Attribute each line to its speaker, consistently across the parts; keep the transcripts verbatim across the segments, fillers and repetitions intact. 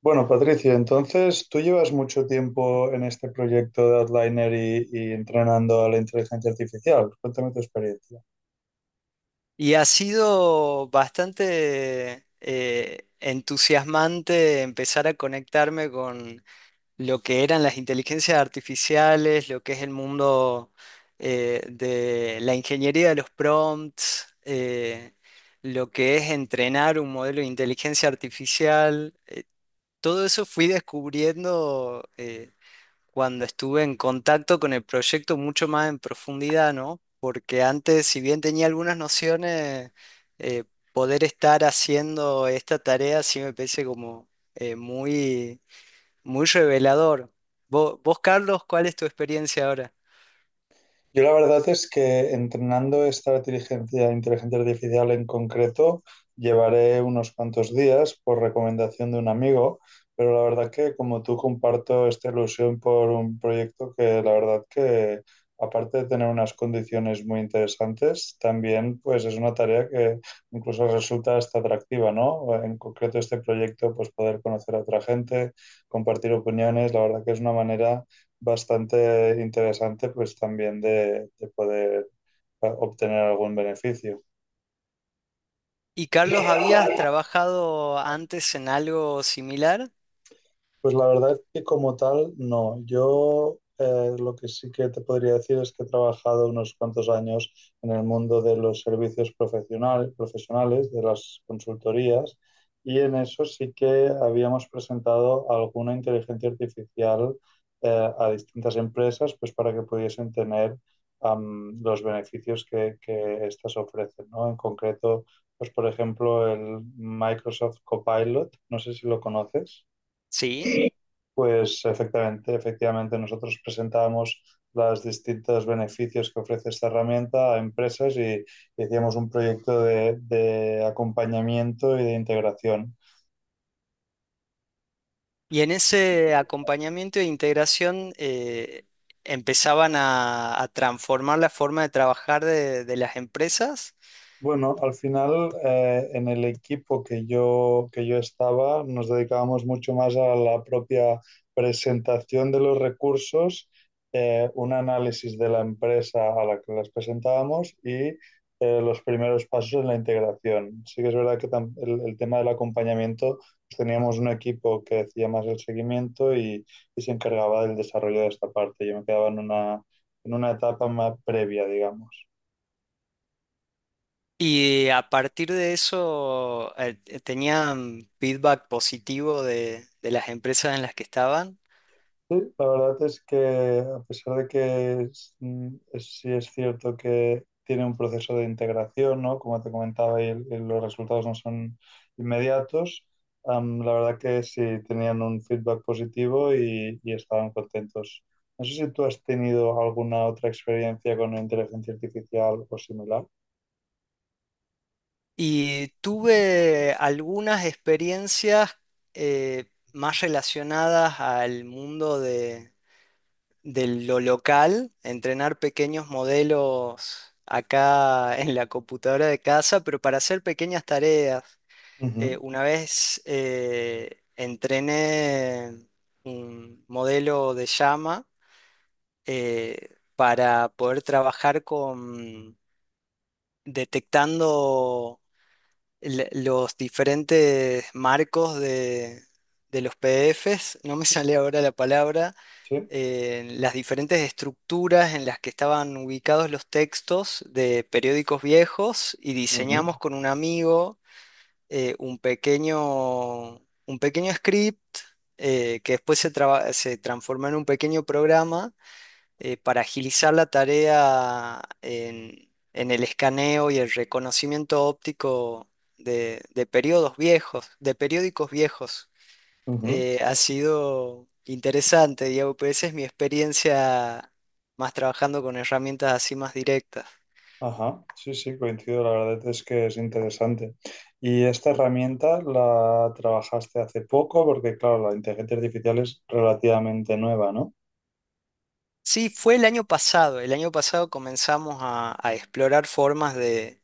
Speaker 1: Bueno, Patricia, entonces tú llevas mucho tiempo en este proyecto de Outliner y, y entrenando a la inteligencia artificial. Cuéntame tu experiencia.
Speaker 2: Y ha sido bastante eh, entusiasmante empezar a conectarme con lo que eran las inteligencias artificiales, lo que es el mundo eh, de la ingeniería de los prompts, eh, lo que es entrenar un modelo de inteligencia artificial. Todo eso fui descubriendo. Eh, cuando estuve en contacto con el proyecto mucho más en profundidad, ¿no? Porque antes, si bien tenía algunas nociones, eh, poder estar haciendo esta tarea sí me parece como eh, muy, muy revelador. Vos, vos, Carlos, ¿cuál es tu experiencia ahora?
Speaker 1: Yo la verdad es que entrenando esta inteligencia, inteligencia artificial en concreto, llevaré unos cuantos días por recomendación de un amigo, pero la verdad que como tú comparto esta ilusión por un proyecto que la verdad que aparte de tener unas condiciones muy interesantes, también pues es una tarea que incluso resulta hasta atractiva, ¿no? En concreto este proyecto, pues poder conocer a otra gente, compartir opiniones, la verdad que es una manera bastante interesante, pues también de, de poder ah, obtener algún beneficio.
Speaker 2: ¿Y Carlos, habías trabajado antes en algo similar?
Speaker 1: Pues la verdad es que como tal, no. Yo eh, lo que sí que te podría decir es que he trabajado unos cuantos años en el mundo de los servicios profesional- profesionales, de las consultorías, y en eso sí que habíamos presentado alguna inteligencia artificial eh, a distintas empresas, pues para que pudiesen tener am, los beneficios que, que estas ofrecen, ¿no? En concreto, pues por ejemplo, el Microsoft Copilot, no sé si lo conoces.
Speaker 2: Sí.
Speaker 1: Pues efectivamente, efectivamente, nosotros presentamos los distintos beneficios que ofrece esta herramienta a empresas y, y hacíamos un proyecto de, de acompañamiento y de integración.
Speaker 2: Y en ese acompañamiento e integración eh, empezaban a, a transformar la forma de trabajar de, de las empresas
Speaker 1: Bueno, al final eh, en el equipo que yo, que yo estaba nos dedicábamos mucho más a la propia presentación de los recursos, eh, un análisis de la empresa a la que las presentábamos y eh, los primeros pasos en la integración. Sí que es verdad que tam- el, el tema del acompañamiento, pues teníamos un equipo que hacía más el seguimiento y, y se encargaba del desarrollo de esta parte. Yo me quedaba en una, en una etapa más previa, digamos.
Speaker 2: y a partir de eso eh, eh, tenían feedback positivo de, de las empresas en las que estaban.
Speaker 1: Sí, la verdad es que a pesar de que es- mm, es- sí es cierto que tiene un proceso de integración, ¿no? Como te comentaba, y, el- y los resultados no son inmediatos, am, la verdad que sí tenían un feedback positivo y, y estaban contentos. No sé si tú has tenido alguna otra experiencia con inteligencia artificial o similar.
Speaker 2: Y tuve algunas experiencias eh, más relacionadas al mundo de lo local, entrenar pequeños modelos acá en la computadora de casa, pero para hacer pequeñas tareas. Eh,
Speaker 1: Ujú,
Speaker 2: una vez eh, entrené un modelo de llama eh, para poder trabajar con detectando le- los diferentes marcos de, de los P D Es. No me sale ahora la palabra
Speaker 1: sí.
Speaker 2: eh, las diferentes estructuras en las que estaban ubicados los textos de periódicos viejos y
Speaker 1: Ujú,
Speaker 2: diseñamos con un amigo eh, un pequeño, un pequeño script eh, que después se, traba- se transformó en un pequeño programa eh, para agilizar la tarea en, en el escaneo y el reconocimiento óptico de, de periodos viejos, de periódicos viejos.
Speaker 1: ujú.
Speaker 2: Eh, ha sido interesante, Diego, pues esa es mi experiencia más trabajando con herramientas así más directas.
Speaker 1: Ajá, sí, sí, coincido, la verdad es que es interesante. ¿Y esta herramienta la trabajaste hace poco? Porque, claro, la inteligencia artificial es relativamente nueva, ¿no?
Speaker 2: Sí, fue el año pasado. El año pasado comenzamos a, a explorar formas de,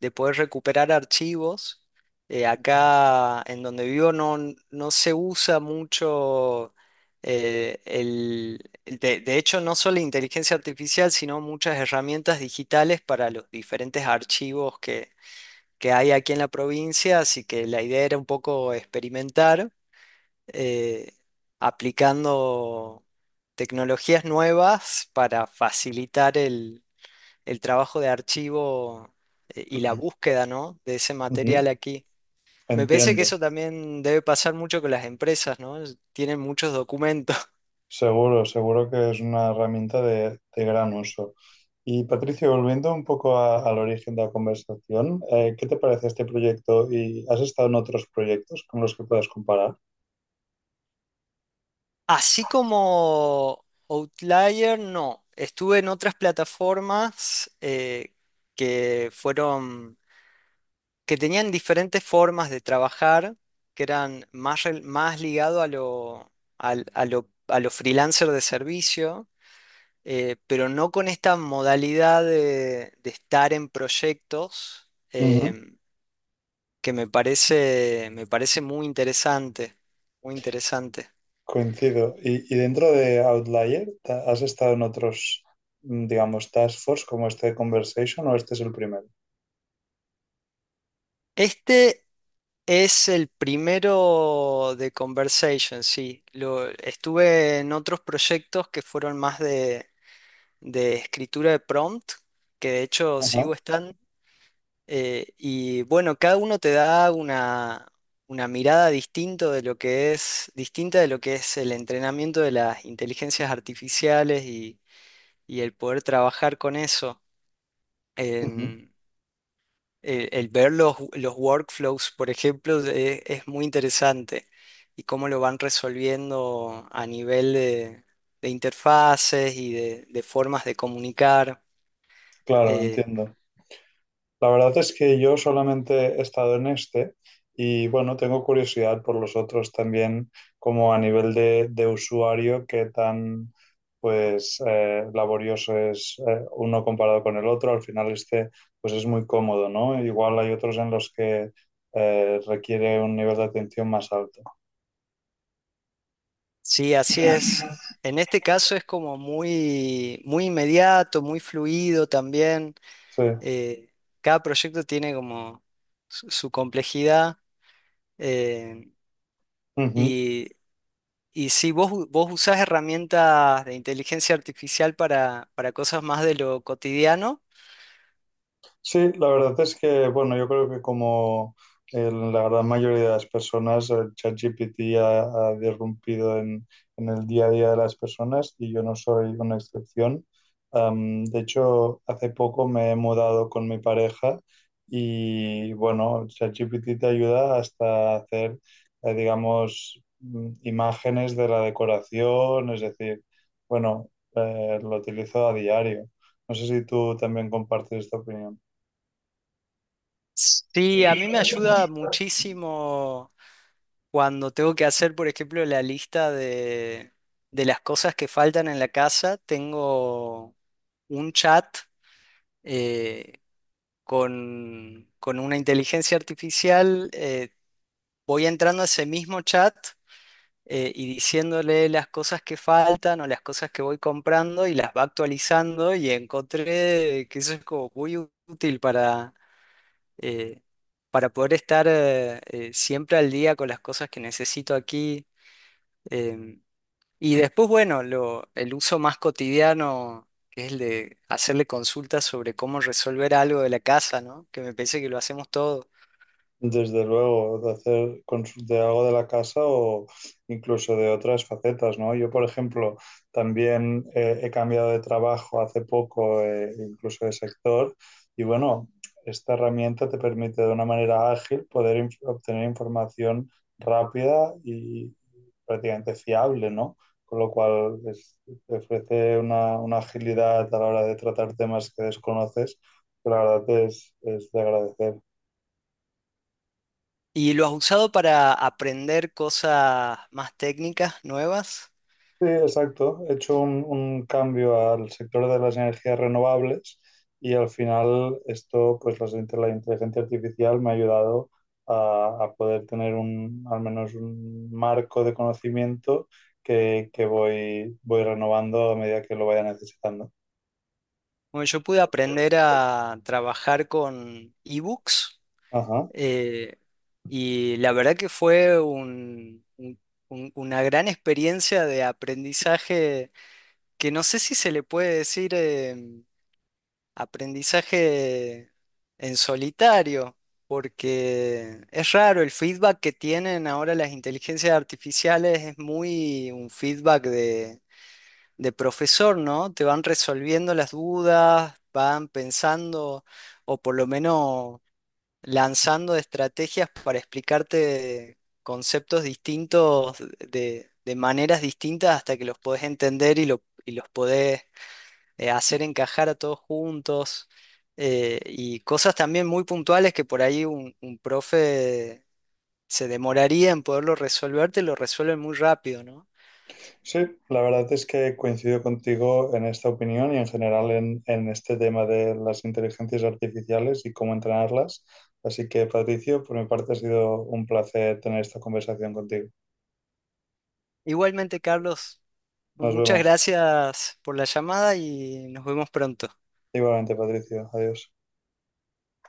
Speaker 2: de poder recuperar archivos. Eh,
Speaker 1: Ujú.
Speaker 2: acá en donde vivo no, no se usa mucho eh, el... el- De, de hecho, no solo inteligencia artificial, sino muchas herramientas digitales para los diferentes archivos que hay aquí en la provincia, así que la idea era un poco experimentar eh, aplicando tecnologías nuevas para facilitar el, el trabajo de archivo eh, y la búsqueda, ¿no? De ese material aquí. Me parece que
Speaker 1: Entiendo,
Speaker 2: eso también debe pasar mucho con las empresas, ¿no? Es- Tienen muchos documentos.
Speaker 1: seguro, seguro que es una herramienta de, de gran uso. Y Patricio, volviendo un poco a- al origen de la conversación, eh, ¿qué te parece este proyecto? ¿Y has estado en otros proyectos con los que puedas comparar?
Speaker 2: Así como Outlier, no. Estuve en otras plataformas eh, que fueron que tenían diferentes formas de trabajar, que eran más, rel- más ligado a lo, al- a lo, a lo freelancer de servicio, eh, pero no con esta modalidad de, de estar en proyectos, em, que me parece, me parece muy interesante, muy interesante.
Speaker 1: Coincido. Y, y dentro de Outlier, ¿ta- ¿has estado en otros, mm, digamos, task force como este de Conversation o este es el primero?
Speaker 2: Este es el primero de Conversation, sí. Lo, estuve en otros proyectos que fueron más de de escritura de prompt, que de hecho sigo
Speaker 1: Ajá.
Speaker 2: estando. eh, y bueno, cada uno te da una, una mirada distinto de lo que es, distinta de lo que es el entrenamiento de las inteligencias artificiales y, y el poder trabajar con eso.
Speaker 1: Ujú.
Speaker 2: En- el, el ver los, los workflows, por ejemplo, es, es muy interesante y cómo lo van resolviendo a nivel de, de interfaces y de, de formas de comunicar.
Speaker 1: Claro,
Speaker 2: eh,
Speaker 1: entiendo. La verdad es que yo solamente he estado en este y bueno, tengo curiosidad por los otros también, como a nivel de, de usuario, qué tan pues eh, laborioso es eh, uno comparado con el otro. Al final este pues es muy cómodo, ¿no? Igual hay otros en los que eh, requiere un nivel de atención más alto.
Speaker 2: Sí, así es. En este caso es como muy, muy inmediato, muy fluido también.
Speaker 1: Sí.
Speaker 2: Eh, cada proyecto tiene como su, su complejidad. eh,
Speaker 1: Ujú.
Speaker 2: y, y sí, vos, u- vos usás herramientas de inteligencia artificial para, para cosas más de lo cotidiano.
Speaker 1: Sí, la verdad es que, bueno, yo creo que como en la gran mayoría de las personas, el ChatGPT ha, ha irrumpido en, en el día a día de las personas y yo no soy una excepción. Am, de hecho, hace poco me he mudado con mi pareja y, bueno, ChatGPT te ayuda hasta hacer, eh, digamos, mm, imágenes de la decoración, es decir, bueno, eh, lo utilizo a diario. No sé si tú también compartes esta opinión.
Speaker 2: Sí, a mí me ayuda muchísimo cuando tengo que hacer, por ejemplo, la lista de, de las cosas que faltan en la casa. Tengo un chat eh, con, con una inteligencia artificial, eh, voy entrando a ese mismo chat eh, y diciéndole las cosas que faltan o las cosas que voy comprando y las va actualizando y encontré que eso es como muy útil para, eh, para poder estar eh, eh, siempre al día con las cosas que necesito aquí. em, y después, bueno, lo, el uso más cotidiano, que es el de hacerle consultas sobre cómo resolver algo de la casa, ¿no? Que me parece que lo hacemos todo.
Speaker 1: Desde luego, de hacer consu- de algo de la casa o incluso de otras facetas, ¿no? Yo, por ejemplo, también eh, he cambiado de trabajo hace poco, eh, incluso de sector, y bueno, esta herramienta te permite de una manera ágil poder inf- obtener información rápida y prácticamente fiable, ¿no? Con lo cual es- te ofrece una, una agilidad a la hora de tratar temas que desconoces, que la verdad es es de agradecer.
Speaker 2: ¿Y lo has usado para aprender cosas más técnicas, nuevas?
Speaker 1: Sí, exacto. He hecho un, un cambio al sector de las energías renovables y al final esto, pues las inte- la inteligencia artificial me ha ayudado a, a poder tener un, al menos un marco de conocimiento que, que voy, voy renovando a medida que lo vaya necesitando.
Speaker 2: Bueno, yo pude aprender a trabajar con ebooks
Speaker 1: Ajá.
Speaker 2: eh, y la verdad que fue un- un- un- una gran experiencia de aprendizaje que no sé si se le puede decir... em, Aprendizaje en solitario, porque es raro, el feedback que tienen ahora las inteligencias artificiales es muy un feedback de, de profesor, ¿no? Te van resolviendo las dudas, van pensando o por lo menos lanzando estrategias para explicarte conceptos distintos de, de maneras distintas hasta que los podés entender y, lo- y los podés eh, hacer encajar a todos juntos eh, y cosas también muy puntuales que por ahí un, un profe se demoraría en poderlo resolver, te lo resuelven muy rápido, ¿no?
Speaker 1: Sí, la verdad es que coincido contigo en esta opinión y en general en, en este tema de las inteligencias artificiales y cómo entrenarlas. Así que, Patricio, por mi parte ha sido un placer tener esta conversación contigo.
Speaker 2: Igualmente, Carlos,
Speaker 1: Nos
Speaker 2: muchas
Speaker 1: vemos.
Speaker 2: gracias por la llamada y nos vemos pronto.
Speaker 1: Igualmente, Patricio. Adiós.